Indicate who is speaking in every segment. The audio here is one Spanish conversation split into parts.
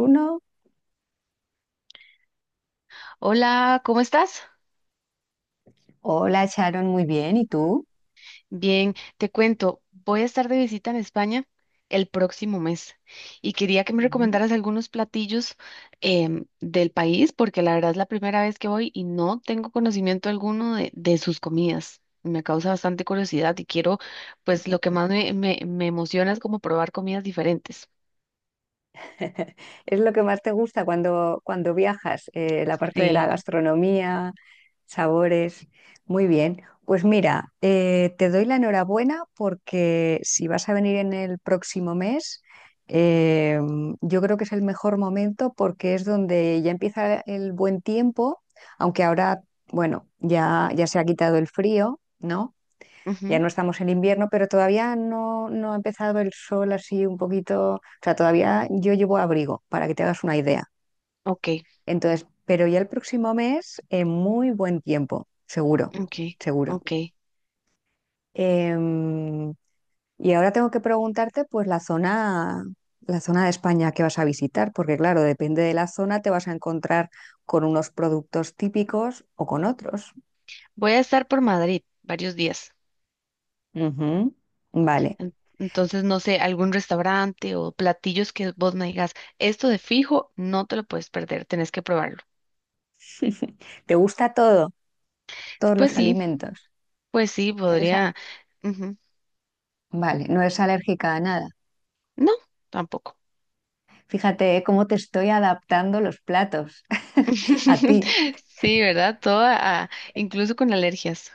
Speaker 1: Uno,
Speaker 2: Hola, ¿cómo estás?
Speaker 1: hola Sharon, muy bien. ¿Y tú?
Speaker 2: Bien, te cuento, voy a estar de visita en España el próximo mes y quería que me
Speaker 1: Ujú.
Speaker 2: recomendaras algunos platillos del país porque la verdad es la primera vez que voy y no tengo conocimiento alguno de sus comidas. Me causa bastante curiosidad y quiero, pues lo que más me emociona es como probar comidas diferentes.
Speaker 1: ¿Es lo que más te gusta cuando viajas? La parte de la
Speaker 2: Sí.
Speaker 1: gastronomía, sabores. Muy bien. Pues mira, te doy la enhorabuena porque si vas a venir en el próximo mes, eh, yo creo que es el mejor momento porque es donde ya empieza el buen tiempo, aunque ahora, bueno, ya se ha quitado el frío, ¿no? Ya
Speaker 2: Ujú.
Speaker 1: no estamos en invierno, pero todavía no ha empezado el sol así un poquito. O sea, todavía yo llevo abrigo, para que te hagas una idea.
Speaker 2: Ok,
Speaker 1: Entonces, pero ya el próximo mes, en muy buen tiempo, seguro,
Speaker 2: ok,
Speaker 1: seguro.
Speaker 2: ok.
Speaker 1: Em, y ahora tengo que preguntarte, pues, la zona de España que vas a visitar, porque claro, depende de la zona, te vas a encontrar con unos productos típicos o con otros.
Speaker 2: Voy a estar por Madrid varios días.
Speaker 1: Ujú. Vale.
Speaker 2: Entonces, no sé, algún restaurante o platillos que vos me digas, esto de fijo, no te lo puedes perder, tenés que probarlo.
Speaker 1: ¿Te gusta todo, todos
Speaker 2: Pues
Speaker 1: los
Speaker 2: sí,
Speaker 1: alimentos?
Speaker 2: pues sí,
Speaker 1: ¿Eres?
Speaker 2: podría. Ujú.
Speaker 1: Vale, no es alérgica a nada.
Speaker 2: No, tampoco.
Speaker 1: Fíjate, ¿eh? Cómo te estoy adaptando los platos a ti.
Speaker 2: Sí, ¿verdad? Todo, incluso con alergias.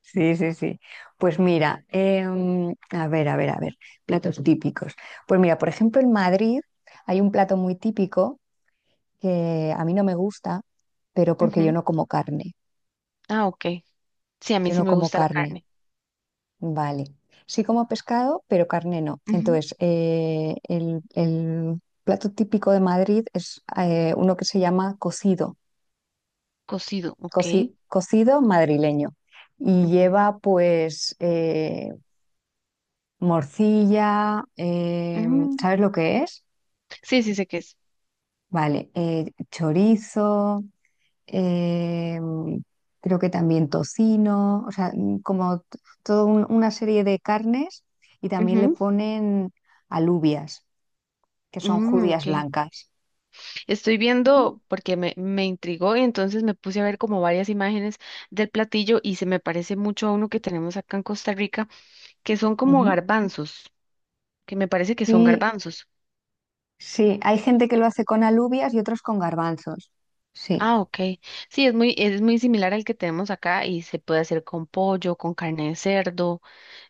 Speaker 1: Sí, sí, sí. Pues mira, a ver, a ver, a ver, platos típicos. Pues mira, por ejemplo, en Madrid hay un plato muy típico que a mí no me gusta, pero porque yo
Speaker 2: Ujú.
Speaker 1: no como carne.
Speaker 2: Ah, ok. Sí, a mí
Speaker 1: Yo
Speaker 2: sí
Speaker 1: no
Speaker 2: me
Speaker 1: como
Speaker 2: gusta la
Speaker 1: carne,
Speaker 2: carne.
Speaker 1: vale. Sí como pescado, pero carne no.
Speaker 2: Ujú.
Speaker 1: Entonces, el plato típico de Madrid es uno que se llama cocido,
Speaker 2: Cocido, ok.
Speaker 1: cocido madrileño. Y
Speaker 2: Ujú.
Speaker 1: lleva pues morcilla,
Speaker 2: Mm.
Speaker 1: ¿sabes lo que es?
Speaker 2: Sí sé qué es.
Speaker 1: Vale, chorizo, eh, creo que también tocino, o sea, mm, como toda una serie de carnes y también le
Speaker 2: Ujú.
Speaker 1: ponen alubias, que son
Speaker 2: Mm,
Speaker 1: judías
Speaker 2: ok.
Speaker 1: blancas.
Speaker 2: Estoy
Speaker 1: Y-
Speaker 2: viendo porque me intrigó y entonces me puse a ver como varias imágenes del platillo y se me parece mucho a uno que tenemos acá en Costa Rica, que son como
Speaker 1: ujú.
Speaker 2: garbanzos, que me parece que son
Speaker 1: Sí,
Speaker 2: garbanzos.
Speaker 1: sí, hay gente que lo hace con alubias y otros con garbanzos. Sí,
Speaker 2: Ah, ok. Sí, es muy similar al que tenemos acá y se puede hacer con pollo, con carne de cerdo,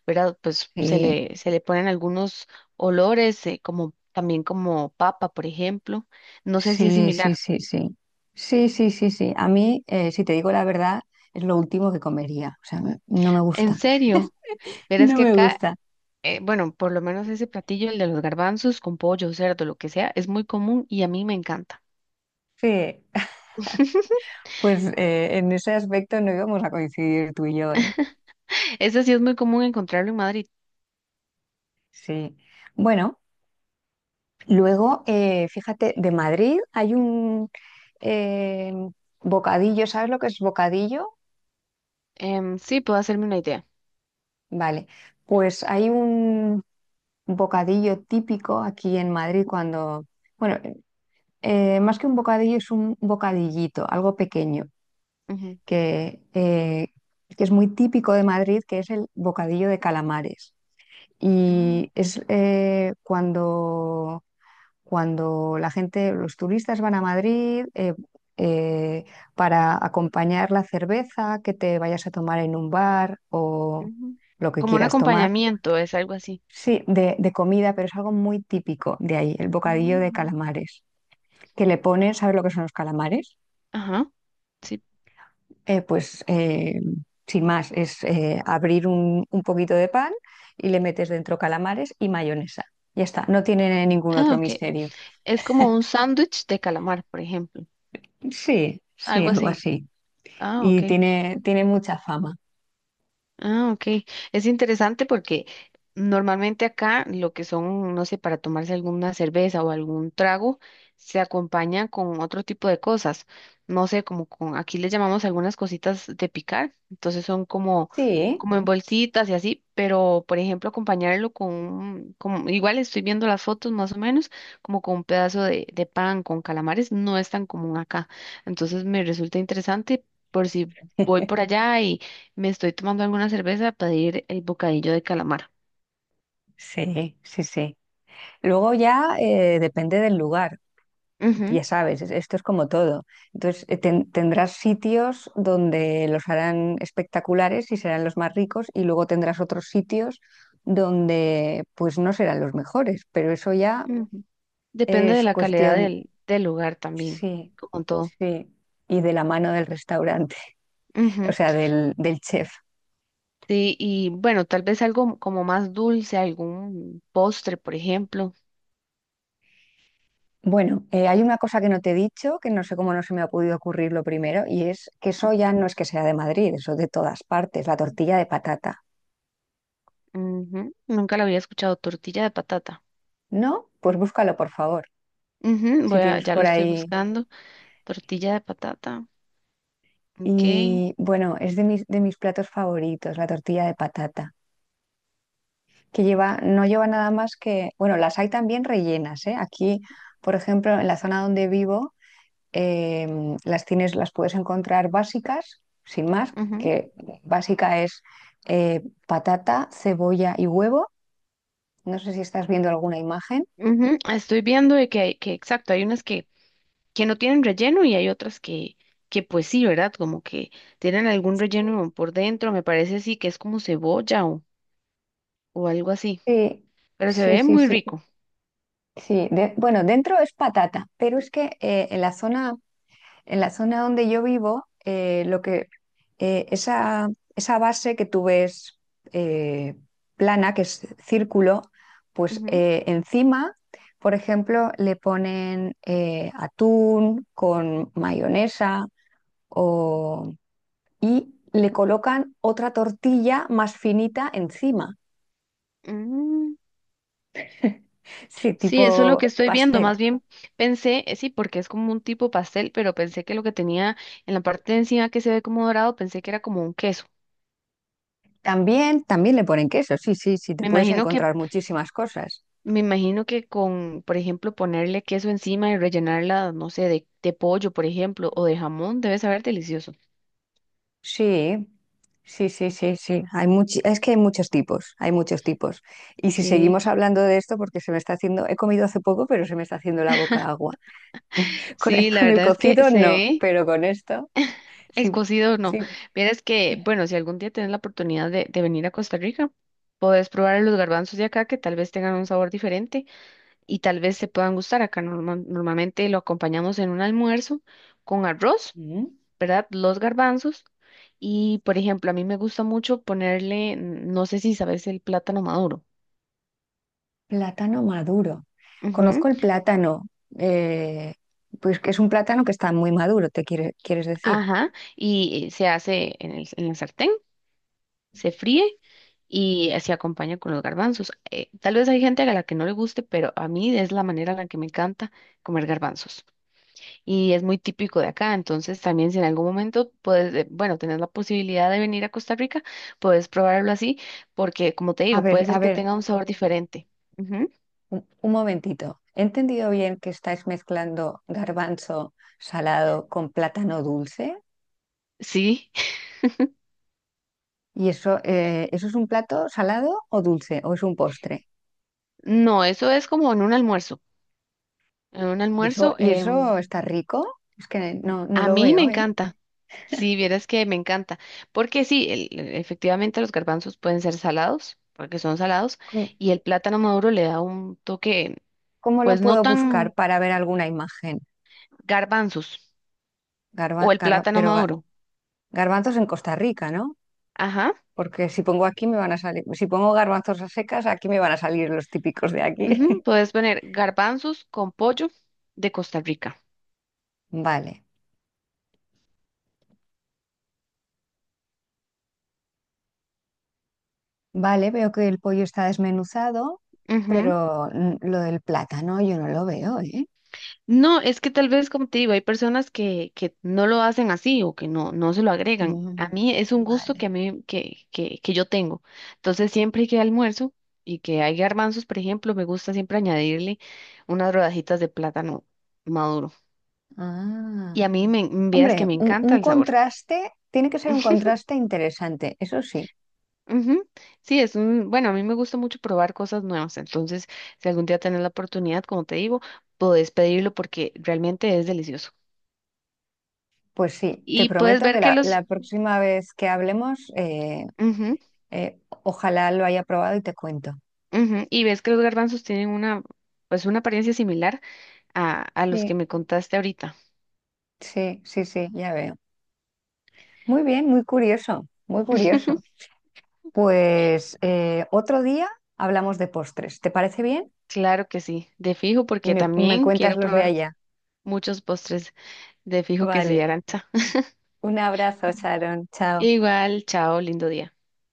Speaker 2: ¿verdad? Pues
Speaker 1: sí.
Speaker 2: se le ponen algunos olores, como también como papa, por ejemplo. No sé si es
Speaker 1: Sí, sí,
Speaker 2: similar.
Speaker 1: sí, sí. Sí, sí, sí, sí. A mí, si te digo la verdad, es lo último que comería. O sea, no me
Speaker 2: En
Speaker 1: gusta.
Speaker 2: serio, verás
Speaker 1: No
Speaker 2: que
Speaker 1: me
Speaker 2: acá
Speaker 1: gusta.
Speaker 2: bueno, por lo menos ese platillo, el de los garbanzos con pollo, cerdo, lo que sea, es muy común y a mí me encanta.
Speaker 1: Sí. Pues en ese aspecto no íbamos a coincidir tú y yo, ¿eh?
Speaker 2: Ese sí es muy común encontrarlo en Madrid.
Speaker 1: Sí. Bueno, luego, fíjate, de Madrid hay un eh, bocadillo. ¿Sabes lo que es bocadillo?
Speaker 2: Sí, puedo hacerme una idea.
Speaker 1: Vale. Pues hay un bocadillo típico aquí en Madrid cuando... Bueno, más que un bocadillo, es un bocadillito, algo pequeño,
Speaker 2: Ujú,
Speaker 1: que, eh, que es muy típico de Madrid, que es el bocadillo de calamares.
Speaker 2: ujú,
Speaker 1: Y es cuando, cuando la gente, los turistas van a Madrid eh, para acompañar la cerveza que te vayas a tomar en un bar o
Speaker 2: ujú.
Speaker 1: lo que
Speaker 2: Como un
Speaker 1: quieras tomar.
Speaker 2: acompañamiento, es algo así.
Speaker 1: Sí, de comida, pero es algo muy típico de ahí, el bocadillo de
Speaker 2: Ujú.
Speaker 1: calamares. Que le ponen, ¿sabes lo que son los calamares?
Speaker 2: Ajá, sí.
Speaker 1: Eh, pues eh, sin más, es abrir un poquito de pan y le metes dentro calamares y mayonesa. Ya está, no tiene ningún
Speaker 2: Ah,
Speaker 1: otro
Speaker 2: ok.
Speaker 1: misterio.
Speaker 2: Es como un sándwich de calamar, por ejemplo.
Speaker 1: Sí, sí,
Speaker 2: Algo
Speaker 1: algo
Speaker 2: así.
Speaker 1: así.
Speaker 2: Ah, ok.
Speaker 1: Y tiene, tiene mucha fama.
Speaker 2: Ah, ok. Es interesante porque normalmente acá lo que son, no sé, para tomarse alguna cerveza o algún trago, se acompaña con otro tipo de cosas. No sé, como con, aquí le llamamos algunas cositas de picar, entonces son como,
Speaker 1: Sí.
Speaker 2: como en bolsitas y así, pero por ejemplo acompañarlo con, como, igual estoy viendo las fotos más o menos, como con un pedazo de pan con calamares, no es tan común acá. Entonces me resulta interesante por si voy por allá me estoy tomando alguna cerveza para pedir el bocadillo de calamar.
Speaker 1: Sí, sí, sí. Luego ya depende del lugar.
Speaker 2: Ujú,
Speaker 1: Ya sabes, esto es como todo. Entonces, tendrás sitios donde los harán espectaculares y serán los más ricos y luego tendrás otros sitios donde pues no serán los mejores, pero eso ya
Speaker 2: ujú. Depende de
Speaker 1: es
Speaker 2: la calidad
Speaker 1: cuestión,
Speaker 2: del lugar también,
Speaker 1: sí,
Speaker 2: como todo.
Speaker 1: sí, y de la mano del restaurante, o
Speaker 2: Ujú.
Speaker 1: sea, del chef.
Speaker 2: Sí, y bueno, tal vez algo como más dulce, algún postre, por ejemplo.
Speaker 1: Bueno, hay una cosa que no te he dicho, que no sé cómo no se me ha podido ocurrir lo primero, y es que eso ya no es que sea de Madrid, eso es de todas partes, la tortilla de patata.
Speaker 2: Ujú. Nunca lo había escuchado, tortilla de patata.
Speaker 1: ¿No? Pues búscalo, por favor.
Speaker 2: Ujú.
Speaker 1: Si
Speaker 2: Voy a,
Speaker 1: tienes
Speaker 2: ya lo
Speaker 1: por
Speaker 2: estoy
Speaker 1: ahí.
Speaker 2: buscando. Tortilla de patata. Ok.
Speaker 1: Y bueno, es de mis platos favoritos, la tortilla de patata, que lleva, no lleva nada más que, bueno, las hay también rellenas, ¿eh? Aquí, por ejemplo, en la zona donde vivo, las tienes, las puedes encontrar básicas, sin más,
Speaker 2: Ujú,
Speaker 1: que básica es patata, cebolla y huevo. No sé si estás viendo alguna imagen.
Speaker 2: ujú. Estoy viendo de que, que exacto, hay unas que no tienen relleno y hay otras que pues sí, ¿verdad? Como que tienen algún relleno por dentro, me parece así que es como cebolla o algo así,
Speaker 1: Sí,
Speaker 2: pero se
Speaker 1: sí,
Speaker 2: ve
Speaker 1: sí,
Speaker 2: muy
Speaker 1: sí.
Speaker 2: rico.
Speaker 1: Sí, bueno, dentro es patata, pero es que en la zona, en la zona donde yo vivo, eh, esa, esa base que tú ves eh, plana, que es círculo, pues
Speaker 2: Ujú.
Speaker 1: encima, por ejemplo, le ponen atún con mayonesa o... y le colocan otra tortilla más finita encima,
Speaker 2: Mm.
Speaker 1: sí,
Speaker 2: Sí, eso es lo
Speaker 1: tipo
Speaker 2: que estoy viendo. Más
Speaker 1: pastel.
Speaker 2: bien pensé, sí, porque es como un tipo pastel, pero pensé que lo que tenía en la parte de encima que se ve como dorado, pensé que era como un queso.
Speaker 1: También, también le ponen queso, sí, sí, sí, te
Speaker 2: Me
Speaker 1: puedes
Speaker 2: imagino que,
Speaker 1: encontrar muchísimas cosas.
Speaker 2: me imagino que con, por ejemplo, ponerle queso encima y rellenarla, no sé, de pollo, por ejemplo, o de jamón, debe saber delicioso.
Speaker 1: Sí, sí, sí, sí, sí. Es que hay muchos tipos, hay muchos tipos. Y si
Speaker 2: Sí.
Speaker 1: seguimos hablando de esto, porque se me está haciendo, he comido hace poco, pero se me está haciendo la boca agua.
Speaker 2: Sí, la
Speaker 1: Con el
Speaker 2: verdad es que
Speaker 1: cocido
Speaker 2: se
Speaker 1: no,
Speaker 2: ve
Speaker 1: pero con esto
Speaker 2: el
Speaker 1: sí,
Speaker 2: cocido, no.
Speaker 1: sí.
Speaker 2: Vieras que, bueno, si algún día tienes la oportunidad de venir a Costa Rica, podés probar los garbanzos de acá que tal vez tengan un sabor diferente y tal vez se puedan gustar. Acá normalmente lo acompañamos en un almuerzo con arroz,
Speaker 1: Mm.
Speaker 2: ¿verdad? Los garbanzos. Y, por ejemplo, a mí me gusta mucho ponerle, mm, no sé si sabes, el plátano maduro.
Speaker 1: Plátano maduro.
Speaker 2: Ujú.
Speaker 1: Conozco el plátano, eh, pues que es un plátano que está muy maduro, quieres decir.
Speaker 2: Ajá, y se hace en el, en la sartén. Se fríe y se acompaña con los garbanzos. Tal vez hay gente a la que no le guste, pero a mí es la manera en la que me encanta comer garbanzos. Y es muy típico de acá, entonces también si en algún momento puedes, bueno, tenés la posibilidad de venir a Costa Rica, puedes probarlo así, porque como te digo, puede
Speaker 1: A
Speaker 2: ser que
Speaker 1: ver,
Speaker 2: tenga un sabor diferente. Ujú.
Speaker 1: un momentito, ¿he entendido bien que estáis mezclando garbanzo salado con plátano dulce?
Speaker 2: Sí,
Speaker 1: ¿Y eso, eso es un plato salado o dulce o es un postre?
Speaker 2: no, eso es como en un almuerzo. En un almuerzo,
Speaker 1: Y eso está rico? Es que no, no
Speaker 2: a
Speaker 1: lo
Speaker 2: mí me
Speaker 1: veo, ¿eh?
Speaker 2: encanta. Sí, vieras que me encanta, porque sí, efectivamente los garbanzos pueden ser salados, porque son salados,
Speaker 1: ¿Cómo,
Speaker 2: y el plátano maduro le da un toque,
Speaker 1: cómo lo
Speaker 2: pues no
Speaker 1: puedo buscar
Speaker 2: tan
Speaker 1: para ver alguna imagen?
Speaker 2: garbanzos,
Speaker 1: Garba-
Speaker 2: o el
Speaker 1: garba-
Speaker 2: plátano
Speaker 1: pero ga-
Speaker 2: maduro.
Speaker 1: garbanzos en Costa Rica, ¿no?
Speaker 2: Ajá,
Speaker 1: Porque si pongo aquí me van a salir, si pongo garbanzos a secas, aquí me van a salir los típicos de aquí.
Speaker 2: ujú. Puedes poner garbanzos con pollo de Costa Rica.
Speaker 1: Vale. Vale, veo que el pollo está desmenuzado, pero mm, lo del plátano yo no lo veo, ¿eh?
Speaker 2: No, es que tal vez, como te digo, hay personas que no lo hacen así o que no, no se lo agregan. A
Speaker 1: Mm.
Speaker 2: mí es un gusto
Speaker 1: Vale.
Speaker 2: que a mí, que yo tengo. Entonces, siempre que almuerzo y que hay garbanzos, por ejemplo, me gusta siempre añadirle unas rodajitas de plátano maduro.
Speaker 1: Ah.
Speaker 2: Y a mí me, vieras que
Speaker 1: Hombre,
Speaker 2: me encanta
Speaker 1: un
Speaker 2: el sabor.
Speaker 1: contraste, tiene que ser un contraste interesante, eso sí.
Speaker 2: Ujú. Sí, es un, bueno, a mí me gusta mucho probar cosas nuevas, entonces si algún día tenés la oportunidad, como te digo, podés pedirlo porque realmente es delicioso.
Speaker 1: Pues sí, te
Speaker 2: Y puedes
Speaker 1: prometo que
Speaker 2: ver que
Speaker 1: la
Speaker 2: los,
Speaker 1: próxima vez que hablemos,
Speaker 2: ujú.
Speaker 1: ojalá lo haya probado y te cuento.
Speaker 2: Ujú. Y ves que los garbanzos tienen una, pues una apariencia similar a los que
Speaker 1: Sí,
Speaker 2: me contaste ahorita.
Speaker 1: sí, sí, sí, ya veo. Muy bien, muy curioso, muy curioso. Pues otro día hablamos de postres, ¿te parece bien?
Speaker 2: Claro que sí, de fijo,
Speaker 1: Y
Speaker 2: porque
Speaker 1: me
Speaker 2: también
Speaker 1: cuentas
Speaker 2: quiero
Speaker 1: los de
Speaker 2: probar
Speaker 1: allá.
Speaker 2: muchos postres. De fijo que sí,
Speaker 1: Vale,
Speaker 2: Arancha.
Speaker 1: un abrazo, Sharon. Chao.
Speaker 2: Igual, chao, lindo día.